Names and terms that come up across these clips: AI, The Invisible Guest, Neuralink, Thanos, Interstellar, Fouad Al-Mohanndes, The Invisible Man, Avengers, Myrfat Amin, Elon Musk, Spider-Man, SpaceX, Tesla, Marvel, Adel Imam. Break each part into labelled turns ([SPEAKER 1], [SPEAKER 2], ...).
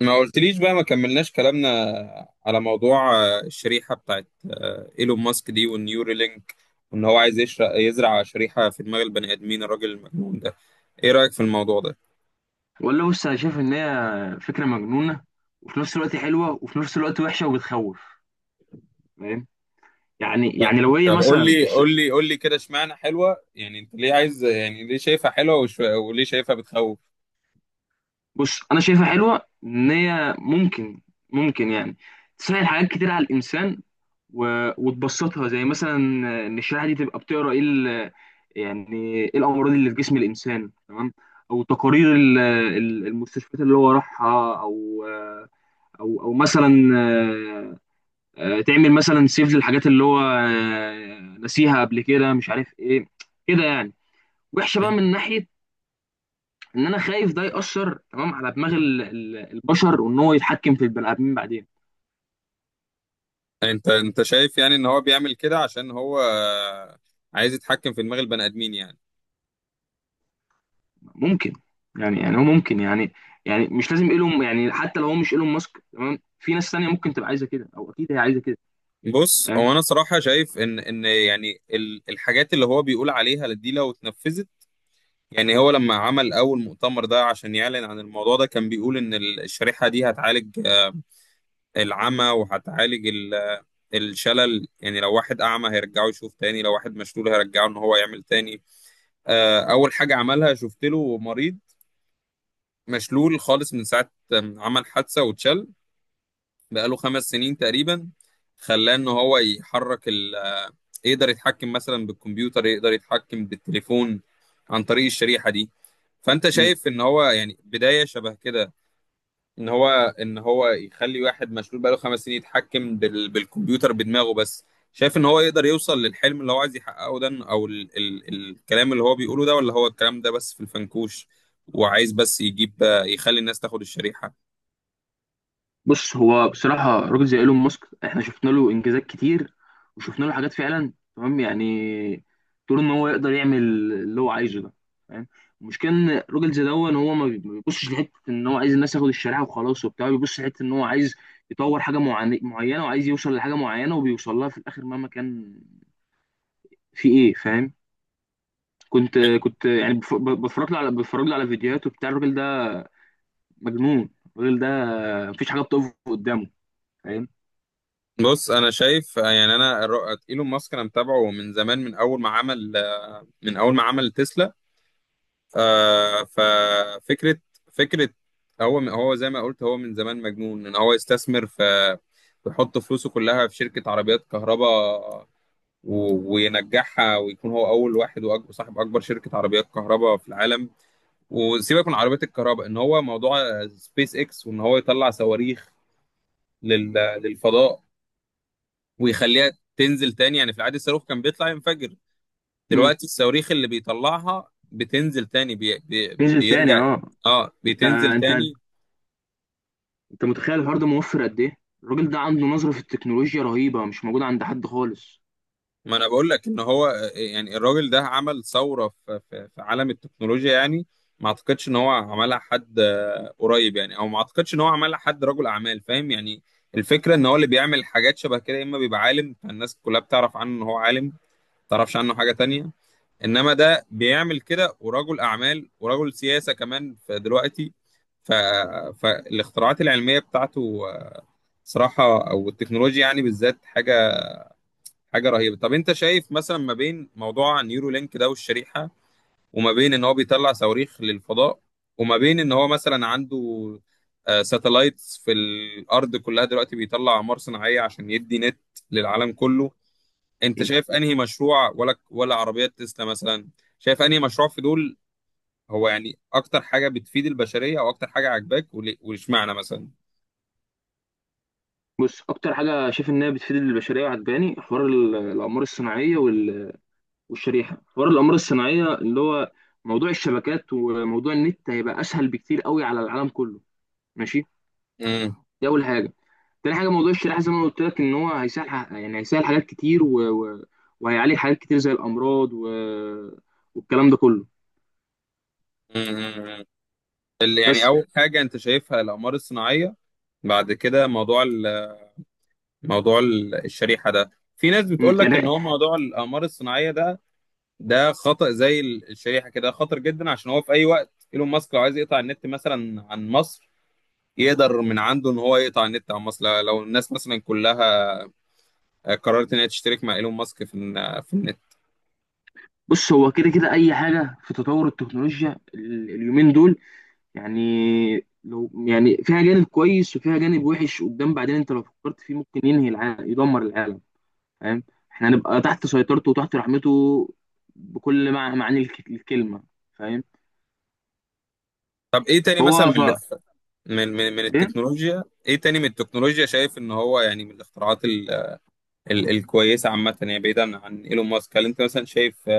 [SPEAKER 1] ما قلتليش بقى، ما كملناش كلامنا على موضوع الشريحة بتاعت إيلون ماسك دي والنيورالينك، وإن هو عايز يشرق يزرع شريحة في دماغ البني آدمين، الراجل المجنون ده. إيه رأيك في الموضوع ده؟
[SPEAKER 2] والله بص، انا شايف ان هي فكره مجنونه، وفي نفس الوقت حلوه، وفي نفس الوقت وحشه وبتخوف. فاهم؟ يعني
[SPEAKER 1] طب
[SPEAKER 2] يعني لو هي
[SPEAKER 1] طب قول
[SPEAKER 2] مثلا
[SPEAKER 1] لي قول لي قول لي كده، اشمعنى حلوة؟ يعني أنت ليه عايز، يعني ليه شايفها حلوة وليه شايفها بتخوف؟
[SPEAKER 2] بص، انا شايفها حلوه ان هي ممكن. ممكن تسهل حاجات كتير على الانسان و... وتبسطها، زي مثلا ان الشريحه دي تبقى بتقرا ايه يعني ايه الامراض اللي في جسم الانسان. تمام. او تقارير المستشفيات اللي هو راحها، او مثلا تعمل مثلا سيف للحاجات اللي هو نسيها قبل كده، مش عارف ايه. كده يعني. وحشه بقى
[SPEAKER 1] مم.
[SPEAKER 2] من ناحيه ان انا خايف ده يأثر، تمام، على دماغ البشر، وان هو يتحكم في البني ادمين بعدين.
[SPEAKER 1] أنت شايف يعني إن هو بيعمل كده عشان هو عايز يتحكم في دماغ البني آدمين يعني.
[SPEAKER 2] ممكن. يعني هو ممكن يعني. يعني مش لازم ايلون، يعني حتى لو هو مش ايلون ماسك، تمام، في ناس تانية ممكن تبقى عايزه كده، او اكيد هي عايزه كده.
[SPEAKER 1] بص،
[SPEAKER 2] فاهم؟
[SPEAKER 1] هو انا صراحه شايف ان يعني الحاجات اللي هو بيقول عليها دي لو اتنفذت. يعني هو لما عمل اول مؤتمر ده عشان يعلن عن الموضوع ده، كان بيقول ان الشريحه دي هتعالج العمى، وهتعالج الشلل. يعني لو واحد اعمى هيرجعه يشوف تاني، لو واحد مشلول هيرجعه ان هو يعمل تاني. اول حاجه عملها، شفت له مريض مشلول خالص من ساعه ما عمل حادثه واتشل، بقاله خمس سنين تقريبا، خلاه ان هو يحرك، يقدر يتحكم مثلا بالكمبيوتر، يقدر يتحكم بالتليفون عن طريق الشريحة دي. فأنت شايف إن هو يعني بداية شبه كده، إن هو إن هو يخلي واحد مشلول بقاله خمس سنين يتحكم بالكمبيوتر بدماغه بس؟ شايف إن هو يقدر يوصل للحلم اللي هو عايز يحققه ده، أو الكلام اللي هو بيقوله ده، ولا هو الكلام ده بس في الفنكوش وعايز بس يجيب، يخلي الناس تاخد الشريحة؟
[SPEAKER 2] بص، هو بصراحة راجل زي ايلون ماسك احنا شفنا له انجازات كتير، وشفنا له حاجات فعلا، تمام؟ يعني طول ان هو يقدر يعمل اللي هو عايزه ده. فاهم؟ المشكلة ان راجل زي ده، ان هو ما بيبصش لحتة ان هو عايز الناس ياخد الشريعة وخلاص وبتاع. بيبص لحتة ان هو عايز يطور حاجة معينة، وعايز يوصل لحاجة معينة، وبيوصل لها في الاخر مهما كان في ايه. فاهم؟ كنت كنت يعني بتفرج له على فيديوهاته، بتاع الراجل ده. مجنون الراجل ده. مفيش حاجة بتقف قدامه. فاهم؟
[SPEAKER 1] بص، انا شايف يعني، انا ايلون ماسك انا متابعه من زمان، من اول ما عمل، من اول ما عمل تسلا. آه، ففكرة فكرة هو هو زي ما قلت، هو من زمان مجنون ان هو يستثمر في، يحط فلوسه كلها في شركة عربيات كهرباء، وينجحها ويكون هو أول واحد وصاحب أكبر شركة عربيات كهرباء في العالم. وسيبك من عربيات الكهرباء، إن هو موضوع سبيس إكس وإن هو يطلع صواريخ لل- للفضاء ويخليها تنزل تاني. يعني في العادي الصاروخ كان بيطلع ينفجر،
[SPEAKER 2] مم.
[SPEAKER 1] دلوقتي الصواريخ اللي بيطلعها بتنزل تاني،
[SPEAKER 2] نزل تاني،
[SPEAKER 1] بيرجع.
[SPEAKER 2] اه.
[SPEAKER 1] اه،
[SPEAKER 2] انت
[SPEAKER 1] بتنزل
[SPEAKER 2] انت
[SPEAKER 1] تاني.
[SPEAKER 2] انت متخيل الحوار ده موفر قد ايه؟ الراجل ده عنده نظرة في التكنولوجيا رهيبة مش موجودة عند حد خالص.
[SPEAKER 1] ما انا بقول لك ان هو يعني الراجل ده عمل ثورة في عالم التكنولوجيا يعني. ما اعتقدش ان هو عملها حد قريب يعني، او ما اعتقدش ان هو عملها حد رجل اعمال، فاهم يعني. الفكرة ان هو اللي بيعمل حاجات شبه كده يا اما بيبقى عالم، فالناس كلها بتعرف عنه ان هو عالم، ما تعرفش عنه حاجة تانية. انما ده بيعمل كده ورجل اعمال ورجل سياسه كمان، فدلوقتي، ف... فالاختراعات العلميه بتاعته صراحه، او التكنولوجيا يعني بالذات، حاجه رهيبه. طب انت شايف مثلا ما بين موضوع نيورو لينك ده والشريحه، وما بين ان هو بيطلع صواريخ للفضاء، وما بين ان هو مثلا عنده ساتلايتس في الارض كلها، دلوقتي بيطلع اقمار صناعيه عشان يدي نت للعالم كله، انت
[SPEAKER 2] يعني
[SPEAKER 1] شايف انهي مشروع، ولا عربيات تسلا مثلا؟ شايف انهي مشروع في دول هو يعني اكتر حاجه بتفيد البشريه، او اكتر حاجه عاجباك، واشمعنى مثلا؟
[SPEAKER 2] بص، اكتر حاجة شايف انها بتفيد البشرية وعجباني حوار الاقمار الصناعية والشريحة. حوار الاقمار الصناعية، اللي هو موضوع الشبكات وموضوع النت، هيبقى اسهل بكتير قوي على العالم كله. ماشي.
[SPEAKER 1] امم.
[SPEAKER 2] دي اول حاجة. تاني حاجة، موضوع الشريحة، زي ما انا قلت لك، ان هو هيسهل يعني هيسهل حاجات كتير وهيعالج حاجات كتير زي الامراض والكلام ده كله.
[SPEAKER 1] امم. اللي يعني
[SPEAKER 2] بس.
[SPEAKER 1] اول حاجه انت شايفها الاقمار الصناعيه، بعد كده موضوع موضوع الشريحه ده. في ناس بتقول لك ان
[SPEAKER 2] يعني
[SPEAKER 1] هو موضوع الاقمار الصناعيه ده، ده خطأ، زي الشريحه كده، خطر جدا، عشان هو في اي وقت ايلون ماسك لو عايز يقطع النت مثلا عن مصر، يقدر من عنده ان هو يقطع النت عن مصر، لو الناس مثلا كلها قررت ان هي تشترك مع ايلون ماسك في في النت.
[SPEAKER 2] بص، هو كده كده اي حاجه في تطور التكنولوجيا اليومين دول، يعني لو يعني فيها جانب كويس وفيها جانب وحش قدام بعدين، انت لو فكرت فيه ممكن ينهي العالم، يدمر العالم. فاهم؟ احنا هنبقى تحت سيطرته وتحت رحمته، بكل معاني الكلمه. فاهم؟
[SPEAKER 1] طب ايه تاني مثلا
[SPEAKER 2] فهو
[SPEAKER 1] من من
[SPEAKER 2] ايه؟
[SPEAKER 1] التكنولوجيا، ايه تاني من التكنولوجيا شايف ان هو يعني من الاختراعات ال، ال الكويسه عامه، يعني بعيدا عن ايلون ماسك، هل انت مثلا شايف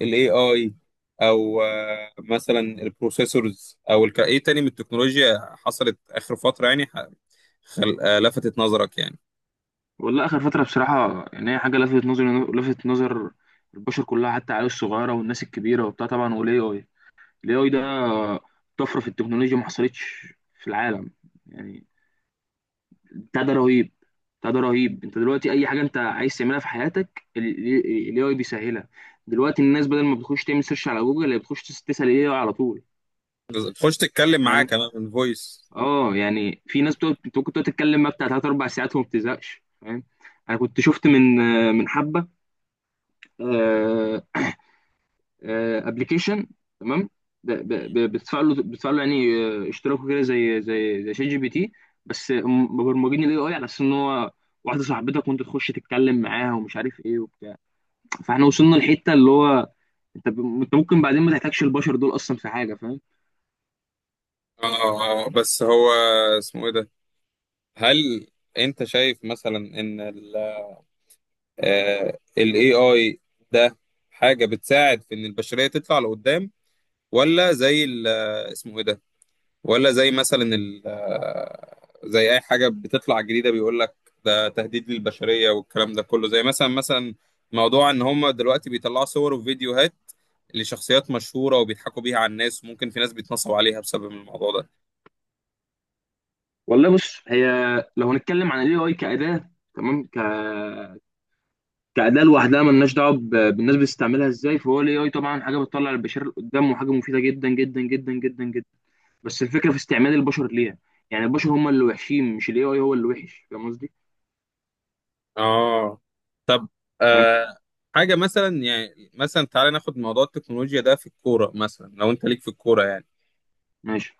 [SPEAKER 1] الاي اي، او مثلا البروسيسورز، او ايه تاني من التكنولوجيا حصلت اخر فتره يعني ح- خل... آه، لفتت نظرك يعني؟
[SPEAKER 2] والله اخر فتره بصراحه، يعني هي حاجه لفتت نظر البشر كلها، حتى العيال الصغيره والناس الكبيره وبتاع. طبعا والاي اي. الاي اي ده طفره في التكنولوجيا ما حصلتش في العالم. يعني بتاع ده رهيب. انت دلوقتي اي حاجه انت عايز تعملها في حياتك الاي اي بيسهلها. دلوقتي الناس بدل ما بتخش تعمل سيرش على جوجل، هي بتخش تسال الاي اي على طول.
[SPEAKER 1] تخش تتكلم معاه
[SPEAKER 2] فاهم؟
[SPEAKER 1] كمان من فويس.
[SPEAKER 2] اه يعني في ناس بتقعد، انت ممكن تقعد تتكلم بقى بتاع ثلاث اربع ساعات وما بتزهقش. فاهم؟ انا كنت شفت من حبه آه، ابلكيشن. تمام. ده بتدفع له، يعني اشتراكه كده، زي ChatGPT، بس هم مبرمجين الاي اي على اساس ان هو واحده صاحبتك، وانت تخش تتكلم معاها ومش عارف ايه وبتاع. فاحنا وصلنا لحته اللي هو انت انت ممكن بعدين ما تحتاجش البشر دول اصلا في حاجه. فاهم؟
[SPEAKER 1] اه، بس هو اسمه ايه ده؟ هل انت شايف مثلا ان ال، ال AI ده حاجة بتساعد في ان البشرية تطلع لقدام، ولا زي اسمه ايه ده، ولا زي مثلا زي اي حاجة بتطلع جديدة بيقول لك ده تهديد للبشرية؟ والكلام ده كله، زي مثلا، مثلا موضوع ان هم دلوقتي بيطلعوا صور وفيديوهات لشخصيات مشهورة وبيضحكوا بيها على الناس، وممكن في ناس بيتنصب عليها بسبب الموضوع ده.
[SPEAKER 2] والله بص، هي لو هنتكلم عن الاي اي كاداه، تمام، كاداه لوحدها، ملناش دعوه بالناس بتستعملها ازاي. فهو الاي اي طبعا حاجه بتطلع البشر لقدام، وحاجه مفيده جدا جدا جدا جدا جدا. بس الفكره في استعمال البشر ليها. يعني البشر هم اللي وحشين، مش الاي اي هو اللي وحش. فاهم قصدي؟
[SPEAKER 1] اه. طب،
[SPEAKER 2] فاهم.
[SPEAKER 1] آه، حاجة مثلا، يعني مثلا تعالى ناخد موضوع التكنولوجيا ده في الكورة مثلا، لو انت ليك في الكورة يعني.
[SPEAKER 2] ماشي.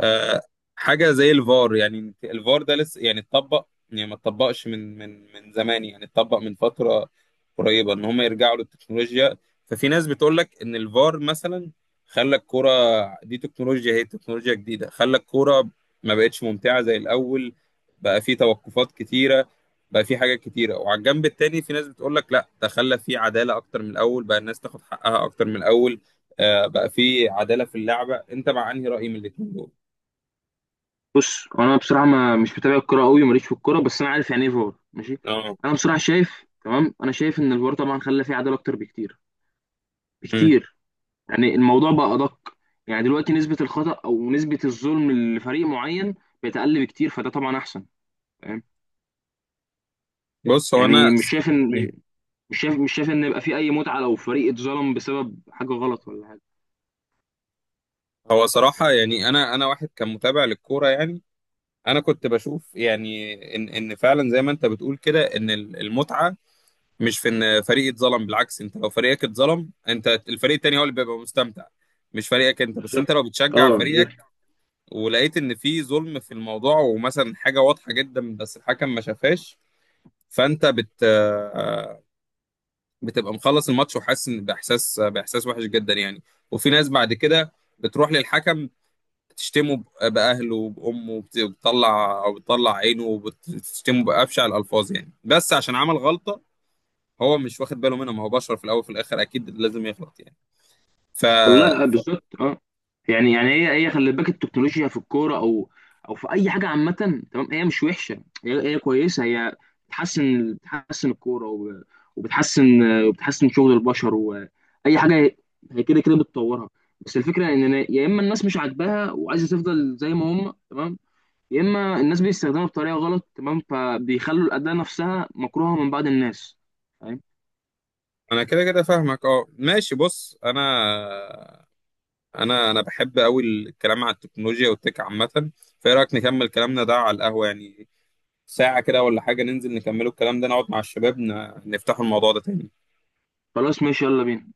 [SPEAKER 1] آه، حاجه زي الفار، يعني الفار ده لسه يعني اتطبق، يعني ما اتطبقش من زمان، يعني اتطبق من فتره قريبه، ان هم يرجعوا للتكنولوجيا. ففي ناس بتقول لك ان الفار مثلا خلى الكوره دي، تكنولوجيا هي تكنولوجيا جديده، خلى الكوره ما بقتش ممتعه زي الاول، بقى في توقفات كتيره، بقى في حاجات كتيره. وعلى الجنب التاني في ناس بتقول لك لا، ده خلى في عداله اكتر من الاول، بقى الناس تاخد حقها اكتر من الاول، بقى في عداله في اللعبه. انت مع انهي راي من الاتنين دول؟
[SPEAKER 2] بص، انا بصراحه ما مش متابع الكوره قوي، ماليش في الكوره، بس انا عارف يعني ايه فار. ماشي.
[SPEAKER 1] اه.
[SPEAKER 2] انا بصراحه شايف، تمام، انا شايف ان الفار طبعا خلى فيه عداله اكتر بكتير
[SPEAKER 1] مم.
[SPEAKER 2] بكتير. يعني الموضوع بقى ادق. يعني دلوقتي نسبه الخطا او نسبه الظلم لفريق معين بقت اقل بكتير، فده طبعا احسن. فاهم؟
[SPEAKER 1] بص، هو
[SPEAKER 2] يعني
[SPEAKER 1] انا، مم.
[SPEAKER 2] مش شايف ان يبقى في اي متعه لو فريق اتظلم بسبب حاجه غلط ولا حاجه.
[SPEAKER 1] هو صراحه يعني، انا واحد كان متابع للكوره يعني. انا كنت بشوف يعني ان فعلا زي ما انت بتقول كده، ان المتعه مش في ان فريق اتظلم. بالعكس، انت لو فريقك اتظلم، انت الفريق التاني هو اللي بيبقى مستمتع، مش فريقك انت. بس
[SPEAKER 2] بالظبط.
[SPEAKER 1] انت لو بتشجع
[SPEAKER 2] اه
[SPEAKER 1] فريقك ولقيت ان في ظلم في الموضوع، ومثلا حاجه واضحه جدا بس الحكم ما شافهاش، فانت بت بتبقى مخلص الماتش وحاسس ان، باحساس وحش جدا يعني. وفي ناس بعد كده بتروح للحكم تشتمه باهله وبامه، وبتطلع، او بتطلع عينه وبتشتمه بابشع الالفاظ يعني، بس عشان عمل غلطه هو مش واخد باله منها. ما هو بشر في الاول وفي الاخر، اكيد لازم يغلط يعني. ف
[SPEAKER 2] والله.
[SPEAKER 1] ف-
[SPEAKER 2] بالظبط. اه. يعني هي خلي بالك، التكنولوجيا في الكوره او في اي حاجه عامه، تمام. هي مش وحشه، هي كويسه. هي بتحسن الكوره وبتحسن وبتحسن شغل البشر واي حاجه. هي كده كده بتطورها. بس الفكره ان يا اما الناس مش عاجباها وعايزه تفضل زي ما هم، تمام، يا اما الناس بيستخدمها بطريقه غلط، تمام، فبيخلوا الاداه نفسها مكروهه من بعض الناس. فاهم؟
[SPEAKER 1] انا كده كده فاهمك. اه، ماشي. بص، انا انا بحب قوي الكلام على التكنولوجيا والتك عامه. فايه رايك نكمل كلامنا ده على القهوه يعني، ساعة كده ولا حاجة، ننزل نكملوا الكلام ده، نقعد مع الشباب، نفتحوا الموضوع ده تاني؟
[SPEAKER 2] خلاص ماشي، يلا بينا.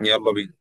[SPEAKER 1] يلا بينا.